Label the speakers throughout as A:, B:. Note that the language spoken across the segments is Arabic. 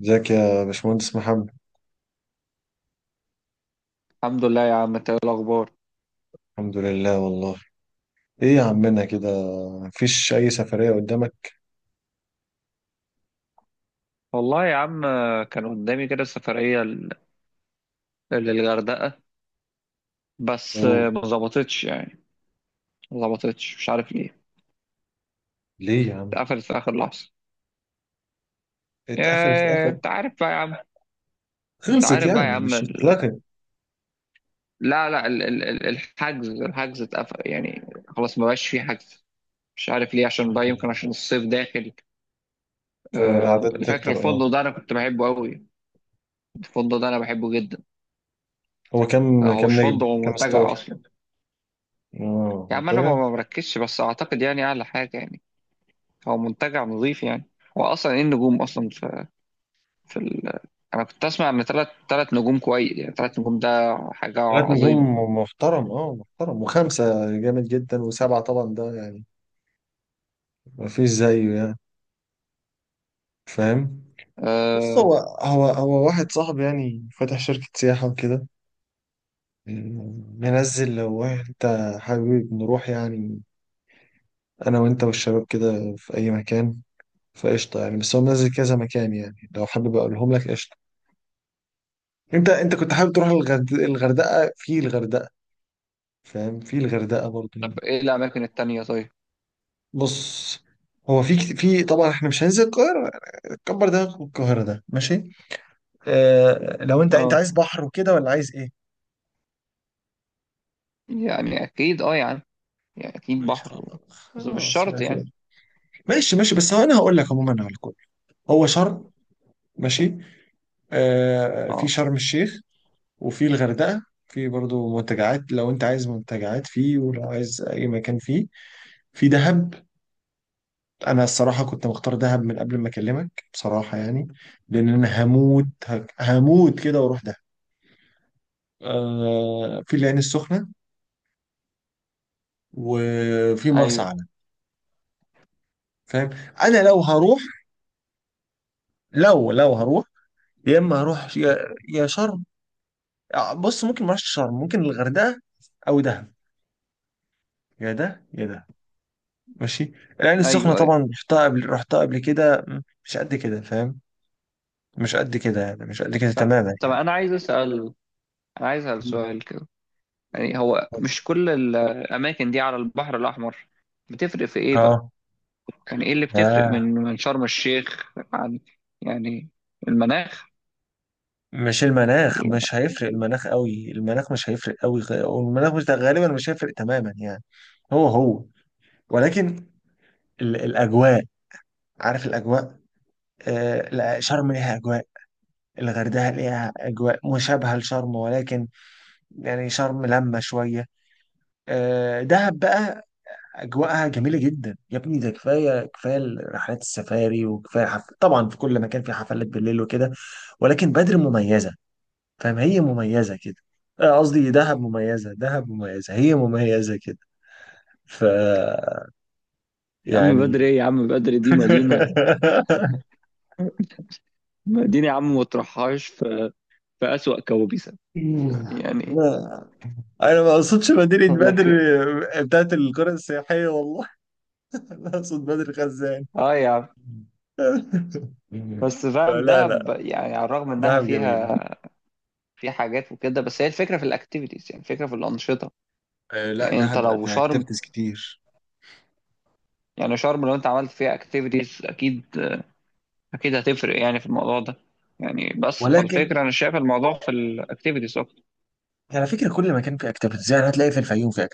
A: ازيك يا باشمهندس محمد؟
B: الحمد لله يا عم، انت ايه الاخبار؟
A: الحمد لله والله. ايه يا عمنا كده؟ مفيش اي سفرية قدامك؟
B: والله يا عم، كان قدامي كده سفريه للغردقه، بس
A: اوه.
B: ما ظبطتش يعني، ما ظبطتش، مش عارف ليه.
A: ليه يا عم؟
B: اتقفلت في اخر لحظه،
A: اتقفلت
B: يا
A: اتقفلت
B: انت عارف بقى يا عم، انت
A: خلصت
B: عارف بقى يا
A: يعني
B: عم
A: مش
B: ال...
A: اتلغت؟
B: لا لا ال... ال... ال- الحجز الحجز اتقفل يعني، خلاص ما بقاش فيه حجز. مش عارف ليه، عشان بقى يمكن
A: مم.
B: عشان الصيف داخل.
A: فالأعداد
B: فاكر
A: بتكتر، اه.
B: الفندق ده، انا كنت بحبه قوي، الفندق ده انا بحبه جدا.
A: هو كام
B: هو مش
A: كام نجم،
B: فندق، هو
A: كام ستار؟
B: منتجع اصلا.
A: اه،
B: يا عم انا ما
A: منتجع.
B: ما بركزش، بس اعتقد يعني اعلى حاجه يعني. هو منتجع نظيف يعني. هو اصلا ايه النجوم اصلا في. انا كنت اسمع ان ثلاث نجوم كويس، يعني ثلاث نجوم ده حاجه
A: 3 نجوم
B: عظيمه.
A: محترم، اه، محترم، وخمسة جامد جدا، وسبعة طبعا ده يعني مفيش زيه يعني، فاهم؟ بص،
B: أه...
A: هو واحد صاحبي يعني فاتح شركة سياحة وكده، ننزل لو انت حابب نروح يعني، انا وانت والشباب كده في اي مكان. فقشطه يعني، بس هو منزل كذا مكان يعني، لو حابب اقولهم لك قشطه. انت كنت حابب تروح الغردقه، في الغردقه، فاهم؟ في الغردقه برضه يعني.
B: طب ايه الاماكن التانية طيب؟
A: بص، هو في طبعا احنا مش هننزل القاهره، كبر دماغك من القاهره ده، ماشي؟ اه، لو انت
B: اه
A: عايز بحر وكده، ولا عايز ايه؟
B: يعني اكيد، اه يعني اكيد
A: ماشي
B: بحر
A: خلاص،
B: و... بس مش
A: خلاص،
B: شرط
A: ماشي.
B: يعني.
A: ماشي ماشي، بس هو انا هقول لك عموما على الكل. هو شرم، ماشي. آه، في
B: اه،
A: شرم الشيخ، وفي الغردقة، في برضو منتجعات، لو انت عايز منتجعات فيه، ولو عايز اي مكان فيه. في دهب، انا الصراحة كنت مختار دهب من قبل ما اكلمك بصراحة يعني، لان انا هموت، هموت كده واروح دهب. آه، في العين السخنة، وفي مرسى
B: ايوه،
A: علم، فاهم؟ انا لو هروح، لو هروح، يا اما هروح، يا شرم. آه، بص، ممكن ما اروحش شرم، ممكن الغردقة او دهب، يا ده يا ده، ماشي. العين السخنة
B: ايوه، ايوه.
A: طبعا رحتها قبل، رحتها قبل كده، مش قد كده، فاهم؟ مش قد كده يعني، مش قد كده
B: طب
A: تماما
B: طب
A: يعني.
B: انا عايز اسال
A: مم.
B: سؤال كده. يعني هو مش كل الاماكن دي على البحر الاحمر؟ بتفرق في ايه
A: اه
B: بقى؟ يعني ايه اللي بتفرق
A: اه.
B: من شرم الشيخ عن، يعني المناخ؟
A: مش المناخ،
B: ولا-
A: مش هيفرق المناخ قوي، المناخ مش هيفرق قوي، والمناخ مش، غالبا مش هيفرق تماما يعني. هو ولكن الأجواء، عارف الأجواء؟ آه لا، شرم ليها أجواء، الغردقة ليها أجواء مشابهة لشرم، ولكن يعني شرم لما شوية. آه، دهب بقى اجواءها جميله جدا يا ابني، ده كفايه كفايه رحلات السفاري، وكفايه طبعا في كل مكان في حفلات بالليل وكده، ولكن بدر مميزه، فاهم؟ هي مميزه كده. آه، قصدي دهب مميزه، دهب مميزه، هي مميزه كده. ف
B: يا عم بدر
A: يعني
B: ايه؟ يا عم بدر دي مدينة، مدينة يا عم ما تروحهاش في أسوأ كوابيسها يعني.
A: لا، انا ما اقصدش مدينه بدر.
B: لك.
A: آه، بتاعت القرى السياحيه، والله. انا اقصد بدر خزان.
B: اه يا عم، بس فاهم
A: لا
B: دهب
A: لا،
B: يعني على الرغم انها
A: دهب جميله.
B: فيها في حاجات وكده، بس هي الفكره في الاكتيفيتيز، يعني الفكره في الانشطه.
A: آه لا،
B: يعني انت
A: دهب بقى
B: لو
A: فيها
B: شرم،
A: اكتيفيتيز كتير،
B: يعني شرم لو انت عملت فيها اكتيفيتيز، اكيد اكيد هتفرق يعني في الموضوع ده، يعني بس
A: ولكن
B: فالفكره، انا شايف الموضوع في الاكتيفيتيز اكتر.
A: يعني على فكره كل مكان فيه اكتيفيتيز، يعني هتلاقي في الفيوم، في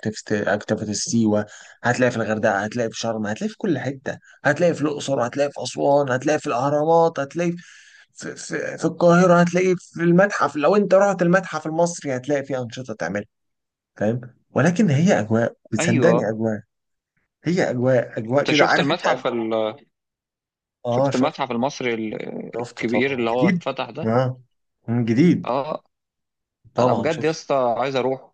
A: اكتيفيتيز سيوه، هتلاقي في الغردقه، هتلاقي في شرم، هتلاقي في كل حته، هتلاقي في الاقصر، هتلاقي في اسوان، هتلاقي في الاهرامات، هتلاقي في القاهره، هتلاقي في المتحف، لو انت رحت المتحف المصري هتلاقي فيه انشطه تعملها، فاهم؟ ولكن هي اجواء، بتصدقني؟
B: ايوه.
A: اجواء، هي اجواء اجواء
B: انت
A: كده،
B: شفت
A: عارف انت،
B: المتحف
A: أجواء.
B: ال...
A: اه،
B: شفت
A: شفت.
B: المتحف المصري
A: شفته
B: الكبير
A: طبعا
B: اللي هو
A: جديد.
B: اتفتح ده؟
A: اه. جديد،
B: اه، انا
A: طبعا
B: بجد يا
A: شفت.
B: اسطى عايز اروح،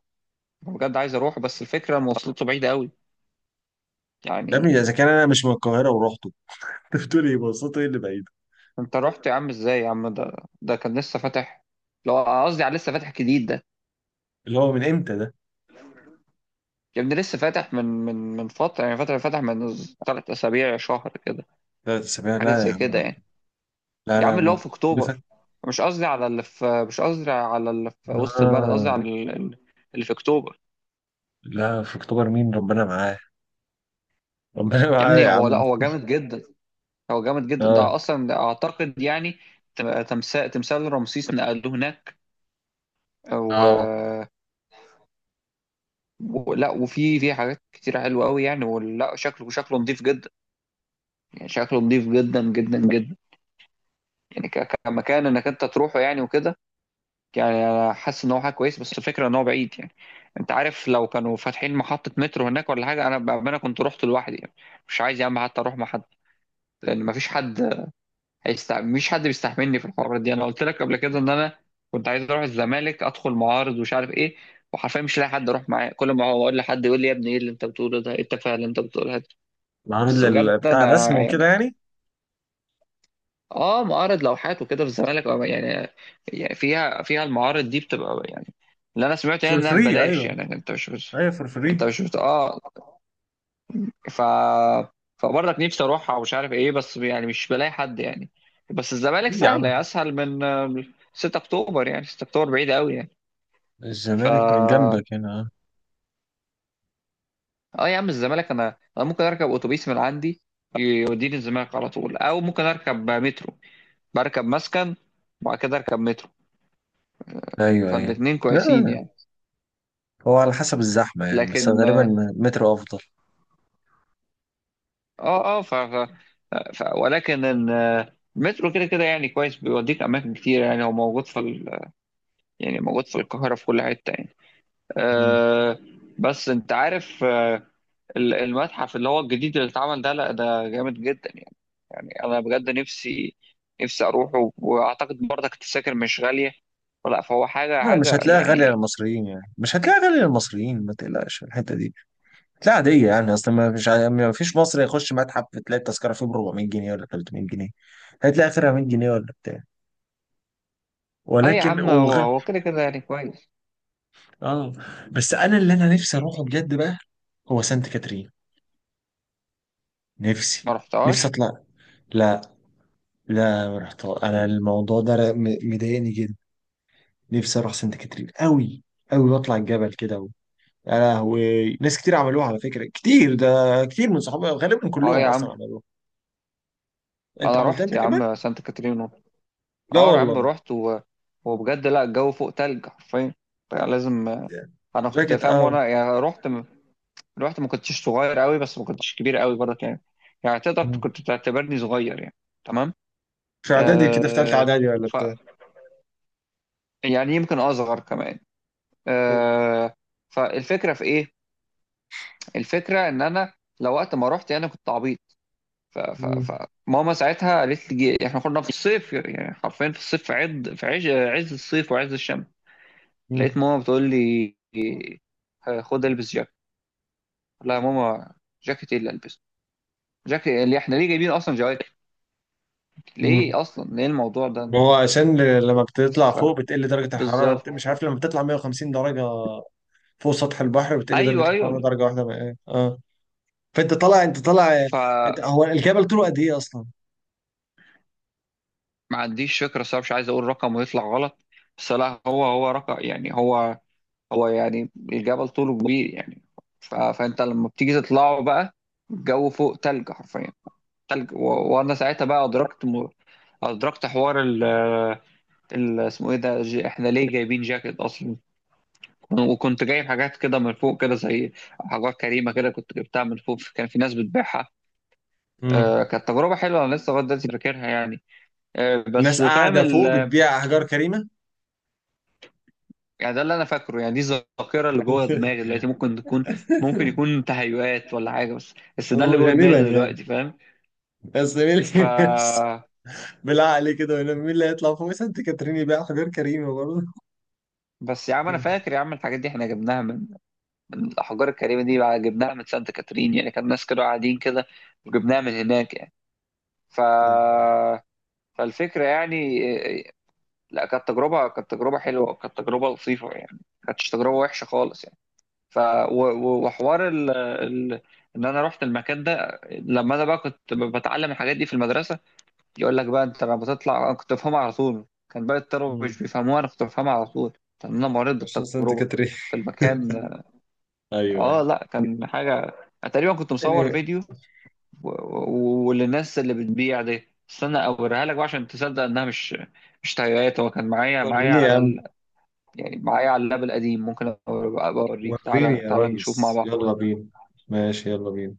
B: بجد عايز اروح، بس الفكره مواصلاته بعيده قوي
A: يا
B: يعني.
A: ابني اذا كان انا مش من القاهره ورحته. انت بتقول ايه، بصته، ايه اللي بعيد؟
B: انت رحت يا عم ازاي يا عم؟ ده ده كان لسه فاتح، لو قصدي على لسه فاتح جديد ده.
A: اللي هو من امتى ده؟
B: يا ابني لسه فاتح من فتره، يعني فاتح من 3 اسابيع، شهر كده،
A: 3 اسابيع؟
B: حاجه
A: لا يا
B: زي كده
A: عم.
B: يعني.
A: لا
B: يا
A: لا
B: عم اللي هو
A: ما
B: في
A: اللي فات.
B: اكتوبر. مش قصدي على اللي في مش قصدي على اللي في وسط البلد، قصدي
A: آه
B: على اللي في اكتوبر.
A: لا، في اكتوبر، مين ربنا معاه؟ ربنا
B: يا
A: معاه
B: ابني
A: يا
B: هو، لا
A: عم.
B: هو جامد جدا، هو جامد جدا ده
A: اه
B: اصلا، ده اعتقد يعني تمثال رمسيس نقلوه هناك
A: اه،
B: و... ولا وفي حاجات كتير حلوه قوي يعني، ولا شكله نظيف جدا، يعني شكله نظيف جدا جدا جدا. يعني كمكان انك انت تروحه يعني وكده، يعني انا حاسس ان هو حاجه كويس، بس الفكره ان هو بعيد يعني. انت عارف لو كانوا فاتحين محطه مترو هناك ولا حاجه، انا كنت رحت لوحدي يعني. مش عايز يا عم حتى اروح مع حد، لان مفيش حد مش حد بيستحملني في الحوارات دي. انا قلت لك قبل كده ان انا كنت عايز اروح الزمالك، ادخل معارض ومش عارف ايه، وحرفيا مش لاقي حد اروح معاه، كل ما هو اقول لحد يقول لي يا ابني ايه اللي انت بتقوله ده، ايه التفاهه اللي انت بتقولها دي.
A: معرض
B: بس بجد
A: بتاع
B: انا
A: رسم وكده
B: يعني.
A: يعني.
B: اه، معارض لوحات وكده في الزمالك يعني، يعني فيها المعارض دي بتبقى يعني، اللي انا سمعت يعني
A: فور
B: انها
A: فري،
B: ببلاش،
A: ايوه.
B: يعني انت مش.
A: ايوه، فور
B: انت
A: فري.
B: مش اه. ف فبرضك نفسي اروحها ومش عارف ايه، بس يعني مش بلاقي حد يعني. بس الزمالك
A: ايه يا
B: سهله،
A: عم،
B: اسهل من 6 اكتوبر، يعني 6 اكتوبر بعيد قوي يعني. ف
A: الزمالك من جنبك هنا، آه.
B: اه يا عم، الزمالك انا ممكن اركب اتوبيس من عندي يوديني الزمالك على طول، او ممكن اركب مترو، بركب مسكن وبعد كده اركب مترو،
A: ايوه ايوه.
B: فالاتنين
A: لا،
B: كويسين يعني.
A: هو على حسب الزحمه يعني، بس
B: لكن
A: غالبا
B: اه
A: مترو افضل.
B: اه ف... ف... ف... ولكن ان- المترو كده كده يعني كويس، بيوديك اماكن كتير، يعني هو موجود في, يعني موجود في القاهره في كل حته يعني.
A: مم.
B: آه بس انت عارف. المتحف اللي هو الجديد اللي اتعمل ده، لا ده جامد جدا يعني، يعني انا بجد نفسي اروحه، واعتقد برضك التذاكر مش غالية، فلا، فهو حاجة
A: لا، مش
B: حاجة
A: هتلاقيها غالية
B: يعني.
A: للمصريين يعني، مش هتلاقيها غالية للمصريين، ما تقلقش في الحتة دي. لا، عادية يعني، أصلا ما مش ع- ما فيش مصري يخش متحف تلاقي التذكرة فيه ب 400 جنيه ولا 300 جنيه، هتلاقي آخرها 100 جنيه ولا بتاع.
B: اه يا
A: ولكن
B: عم، هو هو كده كده يعني كويس.
A: آه، بس أنا، اللي أنا نفسي أروحه بجد بقى، هو سانت كاترين. نفسي
B: ما
A: نفسي
B: رحتهاش.
A: أطلع. لا لا، ما رحت أنا، الموضوع ده مضايقني جدا. نفسي أروح سانت كاترين أوي، أوي، وأطلع الجبل كده و... يا لهوي، ناس كتير عملوها على فكرة، كتير ده، كتير من صحابي غالبا
B: اه
A: كلهم
B: يا
A: أصلا
B: عم،
A: عملوها. أنت
B: انا
A: عملتها
B: رحت
A: أنت
B: يا
A: كمان؟
B: عم سانت كاترينا،
A: لا
B: اه يا عم
A: والله.
B: رحت. وبجد، لا الجو فوق تلج حرفيا، فلازم. انا كنت
A: جاكيت،
B: فاهم
A: اه.
B: وانا يعني رحت، الوقت ما كنتش صغير قوي، بس ما كنتش كبير قوي برضه يعني، يعني تقدر
A: مم.
B: كنت تعتبرني صغير يعني. تمام.
A: في اعدادي كده، في ثالثه
B: آه
A: اعدادي ولا
B: ف
A: بتاع.
B: يعني يمكن اصغر كمان
A: حلو.
B: آه فالفكره في ايه؟ الفكره ان انا لو وقت ما رحت انا كنت عبيط. ف... ف...
A: مم.
B: فماما ساعتها قالت لي، احنا كنا في الصيف يعني، حرفيا في الصيف، في عز الصيف وعز الشمس. لقيت
A: مم.
B: ماما بتقول لي خد البس جاكيت. لا يا ماما، جاكيت ايه اللي البسه؟ جاكيت اللي احنا ليه جايبين اصلا جواكت؟
A: مم.
B: ليه اصلا، ليه الموضوع ده؟
A: ما هو عشان لما بتطلع فوق بتقل درجه الحراره،
B: فبالظبط.
A: مش عارف، لما بتطلع 150 درجه فوق سطح البحر بتقل درجه
B: ايوه
A: الحراره
B: ايوه.
A: درجه واحده، بقى إيه. اه. فانت طالع، انت طالع.
B: فما
A: انت، هو الجبل طوله قد ايه اصلا؟
B: عنديش فكره صراحه، مش عايز اقول رقم ويطلع غلط، بس لا هو هو رقم يعني، هو هو يعني الجبل طوله كبير يعني. فانت لما بتيجي تطلعه بقى، الجو فوق تلج حرفيا، تلج. وانا ساعتها بقى ادركت ادركت حوار اسمه ايه ده. احنا ليه جايبين جاكيت اصلا؟ وكنت جايب حاجات كده من فوق كده، زي حاجات كريمه كده كنت جبتها من فوق، كان في ناس بتبيعها.
A: مم.
B: آه، كانت تجربة حلوة، أنا لسه لغاية دلوقتي فاكرها يعني. آه، بس
A: الناس
B: فاهم
A: قاعده فوق
B: ال...
A: بتبيع احجار كريمه.
B: يعني ده اللي أنا فاكره، يعني دي الذاكرة اللي جوه دماغي دلوقتي، ممكن يكون تهيؤات ولا حاجة، بس ده اللي
A: هو
B: جوه
A: غالبا
B: دماغي
A: يعني،
B: دلوقتي، فاهم.
A: بس مين
B: ف
A: بس بالعقل كده، مين اللي هيطلع فوق سانت كاترين يبيع حجار كريمه برضه؟
B: بس يا عم أنا فاكر يا عم الحاجات دي إحنا جبناها من الأحجار الكريمة دي، بقى جبناها من سانت كاترين يعني، كان ناس كانوا قاعدين كده وجبناها من هناك يعني. ف فالفكرة يعني. لا كانت تجربة، كانت تجربة حلوة، وكانت تجربة لطيفة يعني، ما كانتش تجربة وحشة خالص يعني. وحوار ان انا رحت المكان ده، لما انا بقى كنت بتعلم الحاجات دي في المدرسه، يقول لك بقى انت لما بتطلع انا كنت بفهمها على طول، كان باقي الطلبه
A: ايوه،
B: مش بيفهموها، انا كنت بفهمها على طول، لان انا مريت
A: عشان سنة
B: بالتجربه
A: كاترين.
B: في المكان.
A: ايوه
B: اه
A: ايوه،
B: لا كان حاجه، أنا تقريبا كنت مصور
A: يعني.
B: فيديو، وللناس اللي بتبيع دي استنى اوريها لك بقى عشان تصدق انها مش تغييرات، هو كان معايا
A: وريني يا
B: على
A: عم.
B: ال... يعني معايا على اللاب القديم، ممكن أبقى اوريك،
A: وريني
B: تعالى
A: يا
B: تعالى نشوف مع
A: ريس،
B: بعض.
A: يلا بينا. ماشي، يلا بينا.